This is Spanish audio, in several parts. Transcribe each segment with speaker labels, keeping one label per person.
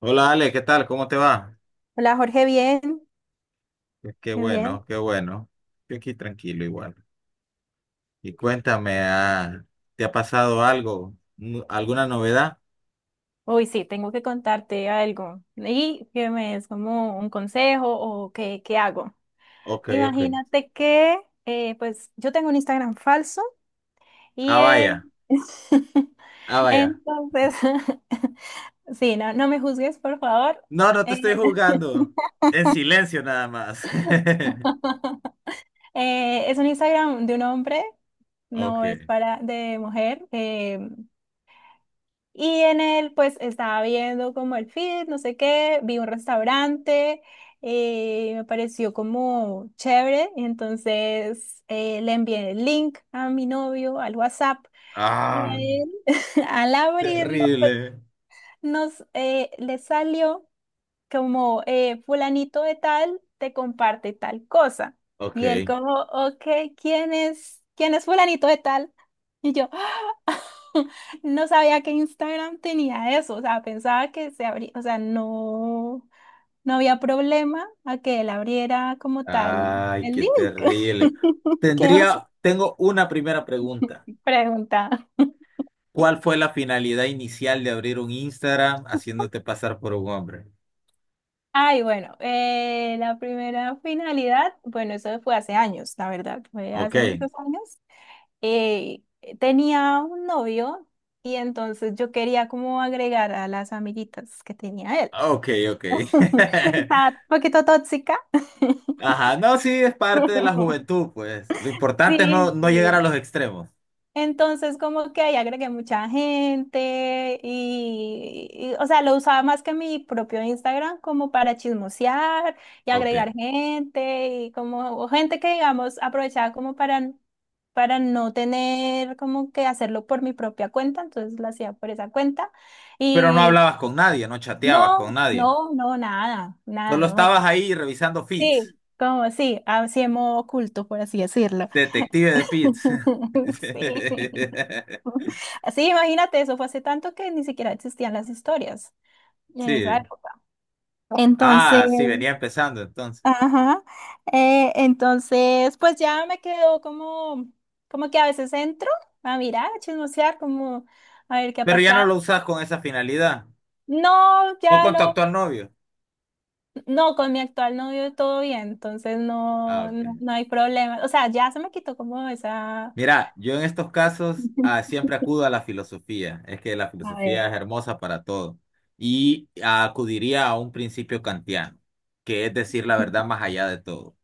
Speaker 1: Hola Ale, ¿qué tal? ¿Cómo te va?
Speaker 2: Hola Jorge, bien,
Speaker 1: Qué
Speaker 2: bien, bien.
Speaker 1: bueno, qué bueno. Yo aquí tranquilo igual. Y cuéntame, ¿te ha pasado algo? ¿Alguna novedad?
Speaker 2: Uy, sí, tengo que contarte algo y que me des como un consejo o qué hago.
Speaker 1: Ok, ok.
Speaker 2: Imagínate que, pues, yo tengo un Instagram falso y
Speaker 1: Ah, vaya, ah, vaya.
Speaker 2: entonces, sí, no, no me juzgues, por favor.
Speaker 1: No, no te
Speaker 2: Eh,
Speaker 1: estoy jugando. En silencio nada más.
Speaker 2: es un Instagram de un hombre, no es
Speaker 1: Ok.
Speaker 2: para de mujer. Y en él, pues estaba viendo como el feed, no sé qué, vi un restaurante, me pareció como chévere, y entonces le envié el link a mi novio al WhatsApp y
Speaker 1: Ah,
Speaker 2: a él, al abrirlo, pues,
Speaker 1: terrible.
Speaker 2: nos le salió como fulanito de tal te comparte tal cosa. Y él
Speaker 1: Ok.
Speaker 2: como, ok, ¿quién es? ¿Quién es fulanito de tal? Y yo, no sabía que Instagram tenía eso, o sea, pensaba que se abría, o sea, no, no había problema a que él abriera como tal
Speaker 1: Ay,
Speaker 2: el
Speaker 1: qué
Speaker 2: link.
Speaker 1: terrible.
Speaker 2: ¿Qué oso?
Speaker 1: Tengo una primera pregunta.
Speaker 2: ¿Pregunta?
Speaker 1: ¿Cuál fue la finalidad inicial de abrir un Instagram haciéndote pasar por un hombre?
Speaker 2: Ay, bueno, la primera finalidad, bueno, eso fue hace años, la verdad, fue
Speaker 1: Ok,
Speaker 2: hace muchos años. Eh, tenía un novio y entonces yo quería como agregar a las amiguitas que tenía él.
Speaker 1: ok, ok.
Speaker 2: Estaba un poquito tóxica.
Speaker 1: Ajá, no, sí, es parte de la juventud, pues. Lo importante es no,
Speaker 2: Sí,
Speaker 1: no llegar a
Speaker 2: sí.
Speaker 1: los extremos.
Speaker 2: Entonces, como que ahí agregué mucha gente y, o sea, lo usaba más que mi propio Instagram como para chismosear y
Speaker 1: Ok.
Speaker 2: agregar gente y como o gente que, digamos, aprovechaba como para no tener como que hacerlo por mi propia cuenta, entonces lo hacía por esa cuenta
Speaker 1: Pero no
Speaker 2: y
Speaker 1: hablabas con nadie, no chateabas
Speaker 2: no,
Speaker 1: con nadie.
Speaker 2: no, no, nada, nada,
Speaker 1: Solo
Speaker 2: no.
Speaker 1: estabas ahí revisando feeds.
Speaker 2: Sí, como sí, así en modo oculto, por así decirlo.
Speaker 1: Detective de feeds.
Speaker 2: Sí. Sí, imagínate, eso fue hace tanto que ni siquiera existían las historias en esa
Speaker 1: Sí.
Speaker 2: época. Entonces,
Speaker 1: Ah, sí, venía empezando entonces.
Speaker 2: ajá, entonces, pues ya me quedo como, como que a veces entro a mirar, a chismosear, como a ver qué ha
Speaker 1: Pero ya no
Speaker 2: pasado.
Speaker 1: lo usas con esa finalidad.
Speaker 2: No,
Speaker 1: No
Speaker 2: ya
Speaker 1: con tu
Speaker 2: lo,
Speaker 1: actual novio.
Speaker 2: no, con mi actual novio todo bien, entonces
Speaker 1: Ah,
Speaker 2: no,
Speaker 1: ok.
Speaker 2: no, no hay problema. O sea, ya se me quitó como esa...
Speaker 1: Mira, yo en estos casos siempre acudo a la filosofía. Es que la
Speaker 2: A ver.
Speaker 1: filosofía es hermosa para todo. Y acudiría a un principio kantiano, que es decir la verdad más allá de todo.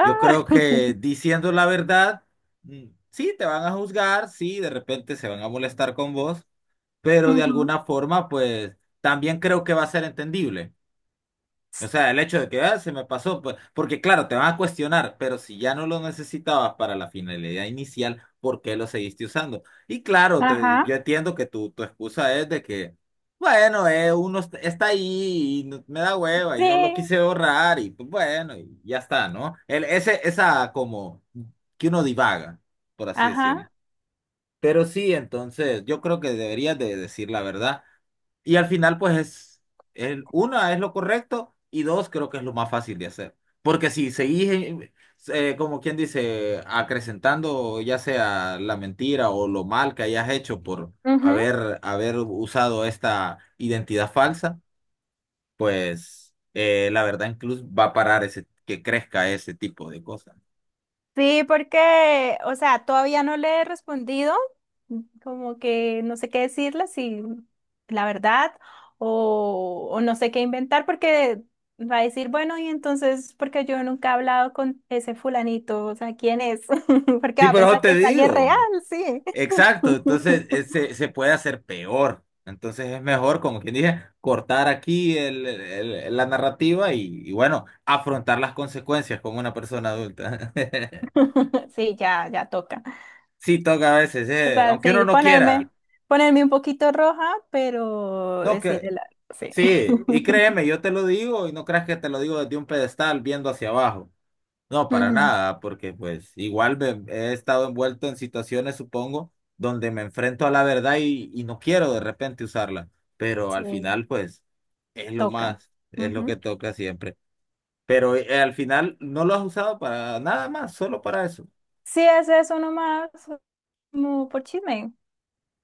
Speaker 1: Yo creo que diciendo la verdad, mm, sí, te van a juzgar, sí, de repente se van a molestar con vos, pero de
Speaker 2: Ujú.
Speaker 1: alguna forma, pues también creo que va a ser entendible. O sea, el hecho de que "Ah, se me pasó, pues, porque claro, te van a cuestionar, pero si ya no lo necesitabas para la finalidad inicial, ¿por qué lo seguiste usando? Y claro,
Speaker 2: Ajá,
Speaker 1: yo entiendo que tu excusa es de que, bueno, uno está ahí y me da hueva y no lo
Speaker 2: sí,
Speaker 1: quise borrar y pues bueno, y ya está, ¿no? Esa como que uno divaga, por así decirlo.
Speaker 2: ajá.
Speaker 1: Pero sí, entonces, yo creo que deberías de decir la verdad. Y al final, pues es, el, una es lo correcto y dos creo que es lo más fácil de hacer. Porque si seguís, como quien dice, acrecentando ya sea la mentira o lo mal que hayas hecho por
Speaker 2: Ujú.
Speaker 1: haber usado esta identidad falsa, pues la verdad incluso va a parar ese, que crezca ese tipo de cosas.
Speaker 2: Sí, porque, o sea, todavía no le he respondido, como que no sé qué decirle, si la verdad, o no sé qué inventar, porque va a decir, bueno, y entonces, porque yo nunca he hablado con ese fulanito, o sea, ¿quién es? Porque
Speaker 1: Sí,
Speaker 2: va a
Speaker 1: pero eso
Speaker 2: pensar que
Speaker 1: te
Speaker 2: es alguien
Speaker 1: digo.
Speaker 2: real, sí.
Speaker 1: Exacto, entonces se puede hacer peor. Entonces es mejor, como quien dije, cortar aquí la narrativa y bueno, afrontar las consecuencias como una persona adulta.
Speaker 2: Sí, ya, ya toca.
Speaker 1: Sí, toca a veces,
Speaker 2: O sea,
Speaker 1: aunque uno
Speaker 2: sí,
Speaker 1: no
Speaker 2: ponerme,
Speaker 1: quiera.
Speaker 2: ponerme un poquito roja, pero
Speaker 1: No,
Speaker 2: decirle
Speaker 1: que
Speaker 2: la, sí.
Speaker 1: sí, y créeme, yo te lo digo y no creas que te lo digo desde un pedestal viendo hacia abajo. No, para
Speaker 2: Ujú,
Speaker 1: nada, porque pues igual he estado envuelto en situaciones, supongo, donde me enfrento a la verdad y no quiero de repente usarla, pero al
Speaker 2: sí,
Speaker 1: final pues es lo
Speaker 2: toca.
Speaker 1: más, es lo que
Speaker 2: Ujú.
Speaker 1: toca siempre. Pero al final no lo has usado para nada más, solo para eso.
Speaker 2: Sí, ese es uno más, como por chisme.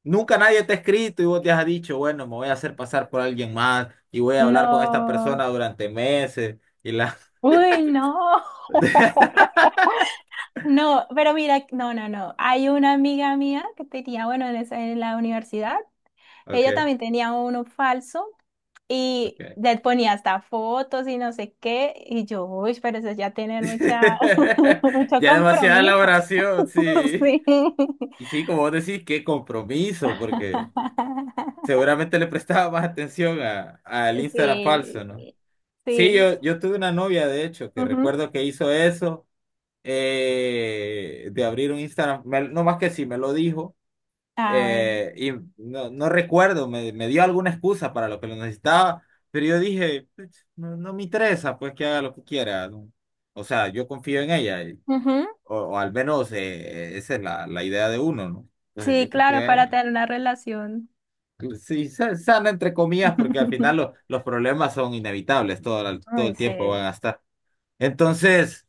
Speaker 1: Nunca nadie te ha escrito y vos te has dicho, bueno, me voy a hacer pasar por alguien más y voy a hablar con esta persona
Speaker 2: No.
Speaker 1: durante meses y la...
Speaker 2: Uy, no. No, pero mira, no, no, no. Hay una amiga mía que tenía, bueno, en, esa- en la universidad, ella
Speaker 1: Ok,
Speaker 2: también tenía uno falso y
Speaker 1: ok.
Speaker 2: le ponía hasta fotos y no sé qué. Y yo, uy, pero eso es ya tener mucha, mucho
Speaker 1: Ya demasiada
Speaker 2: compromiso.
Speaker 1: elaboración, sí.
Speaker 2: Sí.
Speaker 1: Y sí, como vos decís, qué compromiso, porque seguramente le prestaba más atención a, al Instagram falso, ¿no?
Speaker 2: Sí.
Speaker 1: Sí,
Speaker 2: Sí.
Speaker 1: yo tuve una novia, de hecho, que
Speaker 2: Ujú.
Speaker 1: recuerdo que hizo eso, de abrir un Instagram, no más que sí, me lo dijo,
Speaker 2: Ah, bueno.
Speaker 1: y no, no recuerdo, me dio alguna excusa para lo que lo necesitaba, pero yo dije, "Pues, no, no me interesa, pues que haga lo que quiera, ¿no? O sea, yo confío en ella,
Speaker 2: Ujú.
Speaker 1: o al menos esa es la idea de uno, ¿no? Entonces
Speaker 2: Sí,
Speaker 1: yo confío
Speaker 2: claro, para
Speaker 1: en
Speaker 2: tener una relación.
Speaker 1: sí, sana entre comillas, porque al final los problemas son inevitables, todo, todo
Speaker 2: Ay,
Speaker 1: el
Speaker 2: sí.
Speaker 1: tiempo van a estar. Entonces,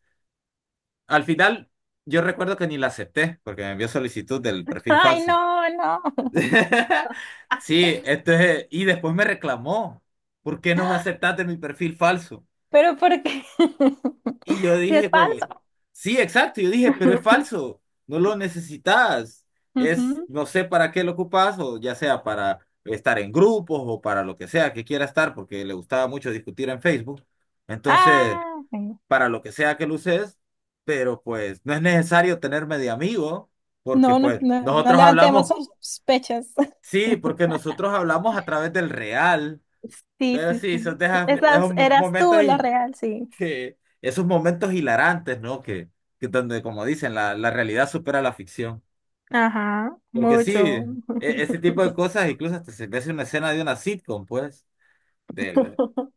Speaker 1: al final, yo recuerdo que ni la acepté, porque me envió solicitud del perfil
Speaker 2: Ay,
Speaker 1: falso.
Speaker 2: no, no.
Speaker 1: Sí, entonces, y después me reclamó, ¿por qué no me aceptaste mi perfil falso?
Speaker 2: Pero ¿por qué?
Speaker 1: Y yo
Speaker 2: Si es
Speaker 1: dije como,
Speaker 2: falso.
Speaker 1: sí, exacto, yo dije, pero es falso, no lo necesitas, es,
Speaker 2: Ujú.
Speaker 1: no sé para qué lo ocupas, o ya sea para estar en grupos o para lo que sea que quiera estar, porque le gustaba mucho discutir en Facebook, entonces,
Speaker 2: Ah, bueno.
Speaker 1: para lo que sea que lo uses, pero pues no es necesario tenerme de amigo, porque
Speaker 2: No, no,
Speaker 1: pues
Speaker 2: no, no
Speaker 1: nosotros
Speaker 2: levantemos
Speaker 1: hablamos,
Speaker 2: sospechas.
Speaker 1: sí, porque nosotros hablamos a través del real,
Speaker 2: Sí,
Speaker 1: pero
Speaker 2: sí,
Speaker 1: sí, son
Speaker 2: sí.
Speaker 1: de esos
Speaker 2: Esas eras
Speaker 1: momentos
Speaker 2: tú la real, sí.
Speaker 1: que esos momentos hilarantes, ¿no? Que donde, como dicen, la realidad supera la ficción.
Speaker 2: Ajá,
Speaker 1: Porque sí,
Speaker 2: mucho.
Speaker 1: e- ese tipo de cosas, incluso hasta se ve una escena de una sitcom, pues, de,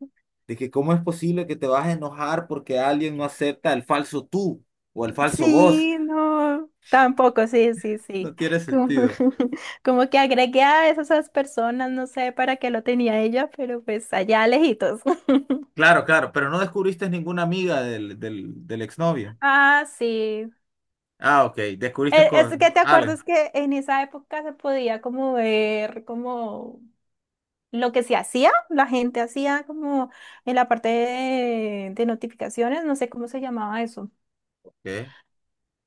Speaker 1: de que cómo es posible que te vas a enojar porque alguien no acepta el falso tú o el falso vos.
Speaker 2: Sí, no, tampoco, sí, sí,
Speaker 1: No
Speaker 2: sí.
Speaker 1: tiene
Speaker 2: Como,
Speaker 1: sentido.
Speaker 2: como que agregué a esas personas, no sé para qué lo tenía ella, pero pues allá lejitos.
Speaker 1: Claro, claro, pero no descubriste ninguna amiga del exnovio.
Speaker 2: Ah, sí.
Speaker 1: Ah, ok, descubriste
Speaker 2: Es que
Speaker 1: con
Speaker 2: te
Speaker 1: alguien.
Speaker 2: acuerdas que en esa época se podía como ver como lo que se hacía, la gente hacía como en la parte de notificaciones, no sé cómo se llamaba eso.
Speaker 1: Ok.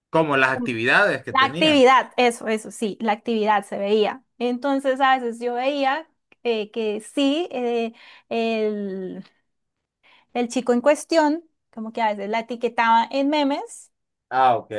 Speaker 1: Como las actividades que
Speaker 2: La
Speaker 1: tenía.
Speaker 2: actividad, eso, sí, la actividad se veía. Entonces, a veces yo veía que sí, el, el chico en cuestión, como que a veces la etiquetaba en memes,
Speaker 1: Ah, ok.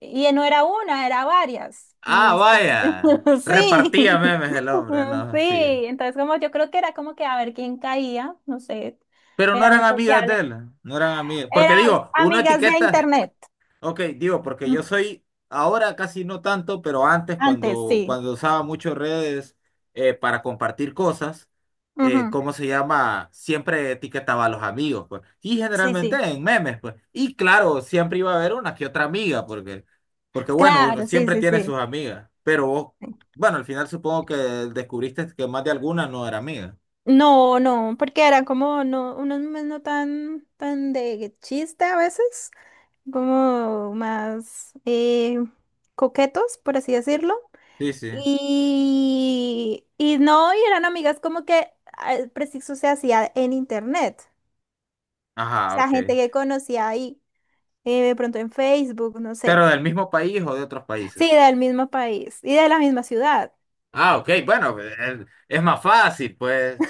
Speaker 2: y no era una, era varias. Y
Speaker 1: Ah,
Speaker 2: es como-
Speaker 1: vaya.
Speaker 2: sí,
Speaker 1: Repartía memes el hombre, no,
Speaker 2: sí.
Speaker 1: sí.
Speaker 2: Entonces, como yo creo que era como que a ver quién caía, no sé,
Speaker 1: Pero no
Speaker 2: era muy
Speaker 1: eran amigas de
Speaker 2: sociable.
Speaker 1: él, no eran amigas. Porque
Speaker 2: Era
Speaker 1: digo, uno
Speaker 2: amigas de
Speaker 1: etiqueta.
Speaker 2: internet.
Speaker 1: Ok, digo, porque yo
Speaker 2: mm,
Speaker 1: soy, ahora casi no tanto, pero antes
Speaker 2: antes, sí.
Speaker 1: cuando usaba mucho redes para compartir cosas,
Speaker 2: Ujú,
Speaker 1: ¿cómo se llama? Siempre etiquetaba a los amigos, pues. Y
Speaker 2: sí,
Speaker 1: generalmente
Speaker 2: sí.
Speaker 1: en memes, pues. Y claro, siempre iba a haber una que otra amiga, porque, porque bueno, uno
Speaker 2: Claro, sí,
Speaker 1: siempre
Speaker 2: sí,
Speaker 1: tiene sus
Speaker 2: sí.
Speaker 1: amigas, pero vos, bueno, al final supongo que descubriste que más de alguna no era amiga.
Speaker 2: No, no, porque eran como no, unos memes no tan, tan de chiste a veces, como más coquetos, por así decirlo.
Speaker 1: Sí, sí.
Speaker 2: Y no, y eran amigas como que el preciso se hacía en internet. O
Speaker 1: Ajá,
Speaker 2: sea, gente
Speaker 1: ok.
Speaker 2: que conocía ahí, de pronto en Facebook, no sé.
Speaker 1: Pero del mismo país o de otros
Speaker 2: Sí,
Speaker 1: países.
Speaker 2: del mismo país y de la misma ciudad.
Speaker 1: Ah, ok, bueno, es más fácil, pues.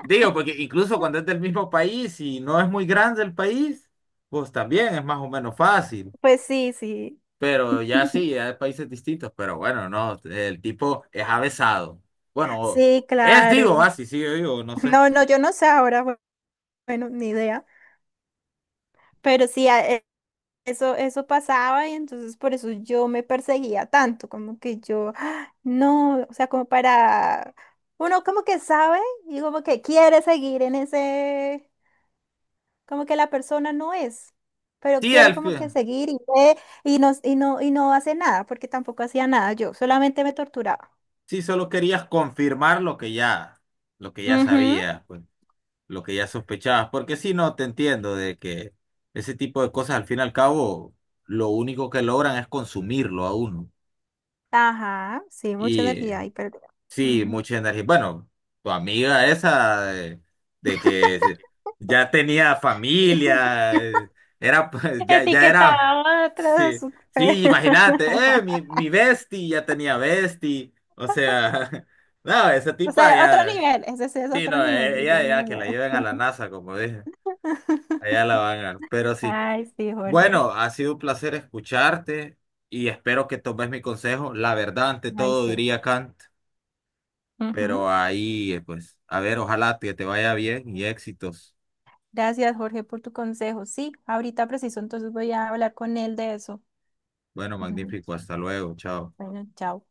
Speaker 1: Digo, porque incluso cuando es del mismo país y no es muy grande el país, pues también es más o menos fácil.
Speaker 2: Pues sí, sí,
Speaker 1: Pero ya sí, hay países distintos, pero bueno, no, el tipo es avesado. Bueno,
Speaker 2: sí,
Speaker 1: es, digo,
Speaker 2: claro.
Speaker 1: así, sí, yo digo, no sé.
Speaker 2: No, no, yo no sé ahora, bueno, ni idea. Pero sí, eso, eso pasaba y entonces por eso yo me perseguía tanto, como que yo, "Ah, no, o sea, como para, uno como que sabe y como que quiere seguir en ese, como que la persona no es, pero
Speaker 1: Sí,
Speaker 2: quiere
Speaker 1: al
Speaker 2: como que
Speaker 1: fin,
Speaker 2: seguir y ve y no, y no, y no hace nada, porque tampoco hacía nada yo, solamente me torturaba.
Speaker 1: sí, solo querías confirmar lo que ya
Speaker 2: Ujú,
Speaker 1: sabías, pues. Lo que ya sospechabas, porque si no, te entiendo de que ese tipo de cosas al fin y al cabo lo único que logran es consumirlo a uno.
Speaker 2: ajá, sí, mucha
Speaker 1: Y
Speaker 2: energía y perdida.
Speaker 1: sí,
Speaker 2: Ujú.
Speaker 1: mucha energía. Bueno, tu amiga esa de que ya tenía familia, era pues, ya, ya era,
Speaker 2: Etiquetaba atrás,
Speaker 1: sí, sí, imagínate, mi bestie ya tenía bestie, o sea, no, esa
Speaker 2: o
Speaker 1: tipa
Speaker 2: sea, otro
Speaker 1: ya,
Speaker 2: nivel, ese sí es
Speaker 1: sí,
Speaker 2: otro
Speaker 1: no,
Speaker 2: nivel.
Speaker 1: ella ya que la lleven a la NASA, como dije. Allá la van a ganar. Pero sí.
Speaker 2: Ay, sí, Jorge.
Speaker 1: Bueno, ha sido un placer escucharte y espero que tomes mi consejo. La verdad, ante
Speaker 2: Ay,
Speaker 1: todo,
Speaker 2: sí.
Speaker 1: diría Kant,
Speaker 2: Ujú.
Speaker 1: pero ahí, pues, a ver, ojalá que te vaya bien y éxitos.
Speaker 2: Gracias, Jorge, por tu consejo. Sí, ahorita preciso, entonces voy a hablar con él de eso.
Speaker 1: Bueno,
Speaker 2: Ujú.
Speaker 1: magnífico. Hasta luego. Chao.
Speaker 2: Bueno, chao.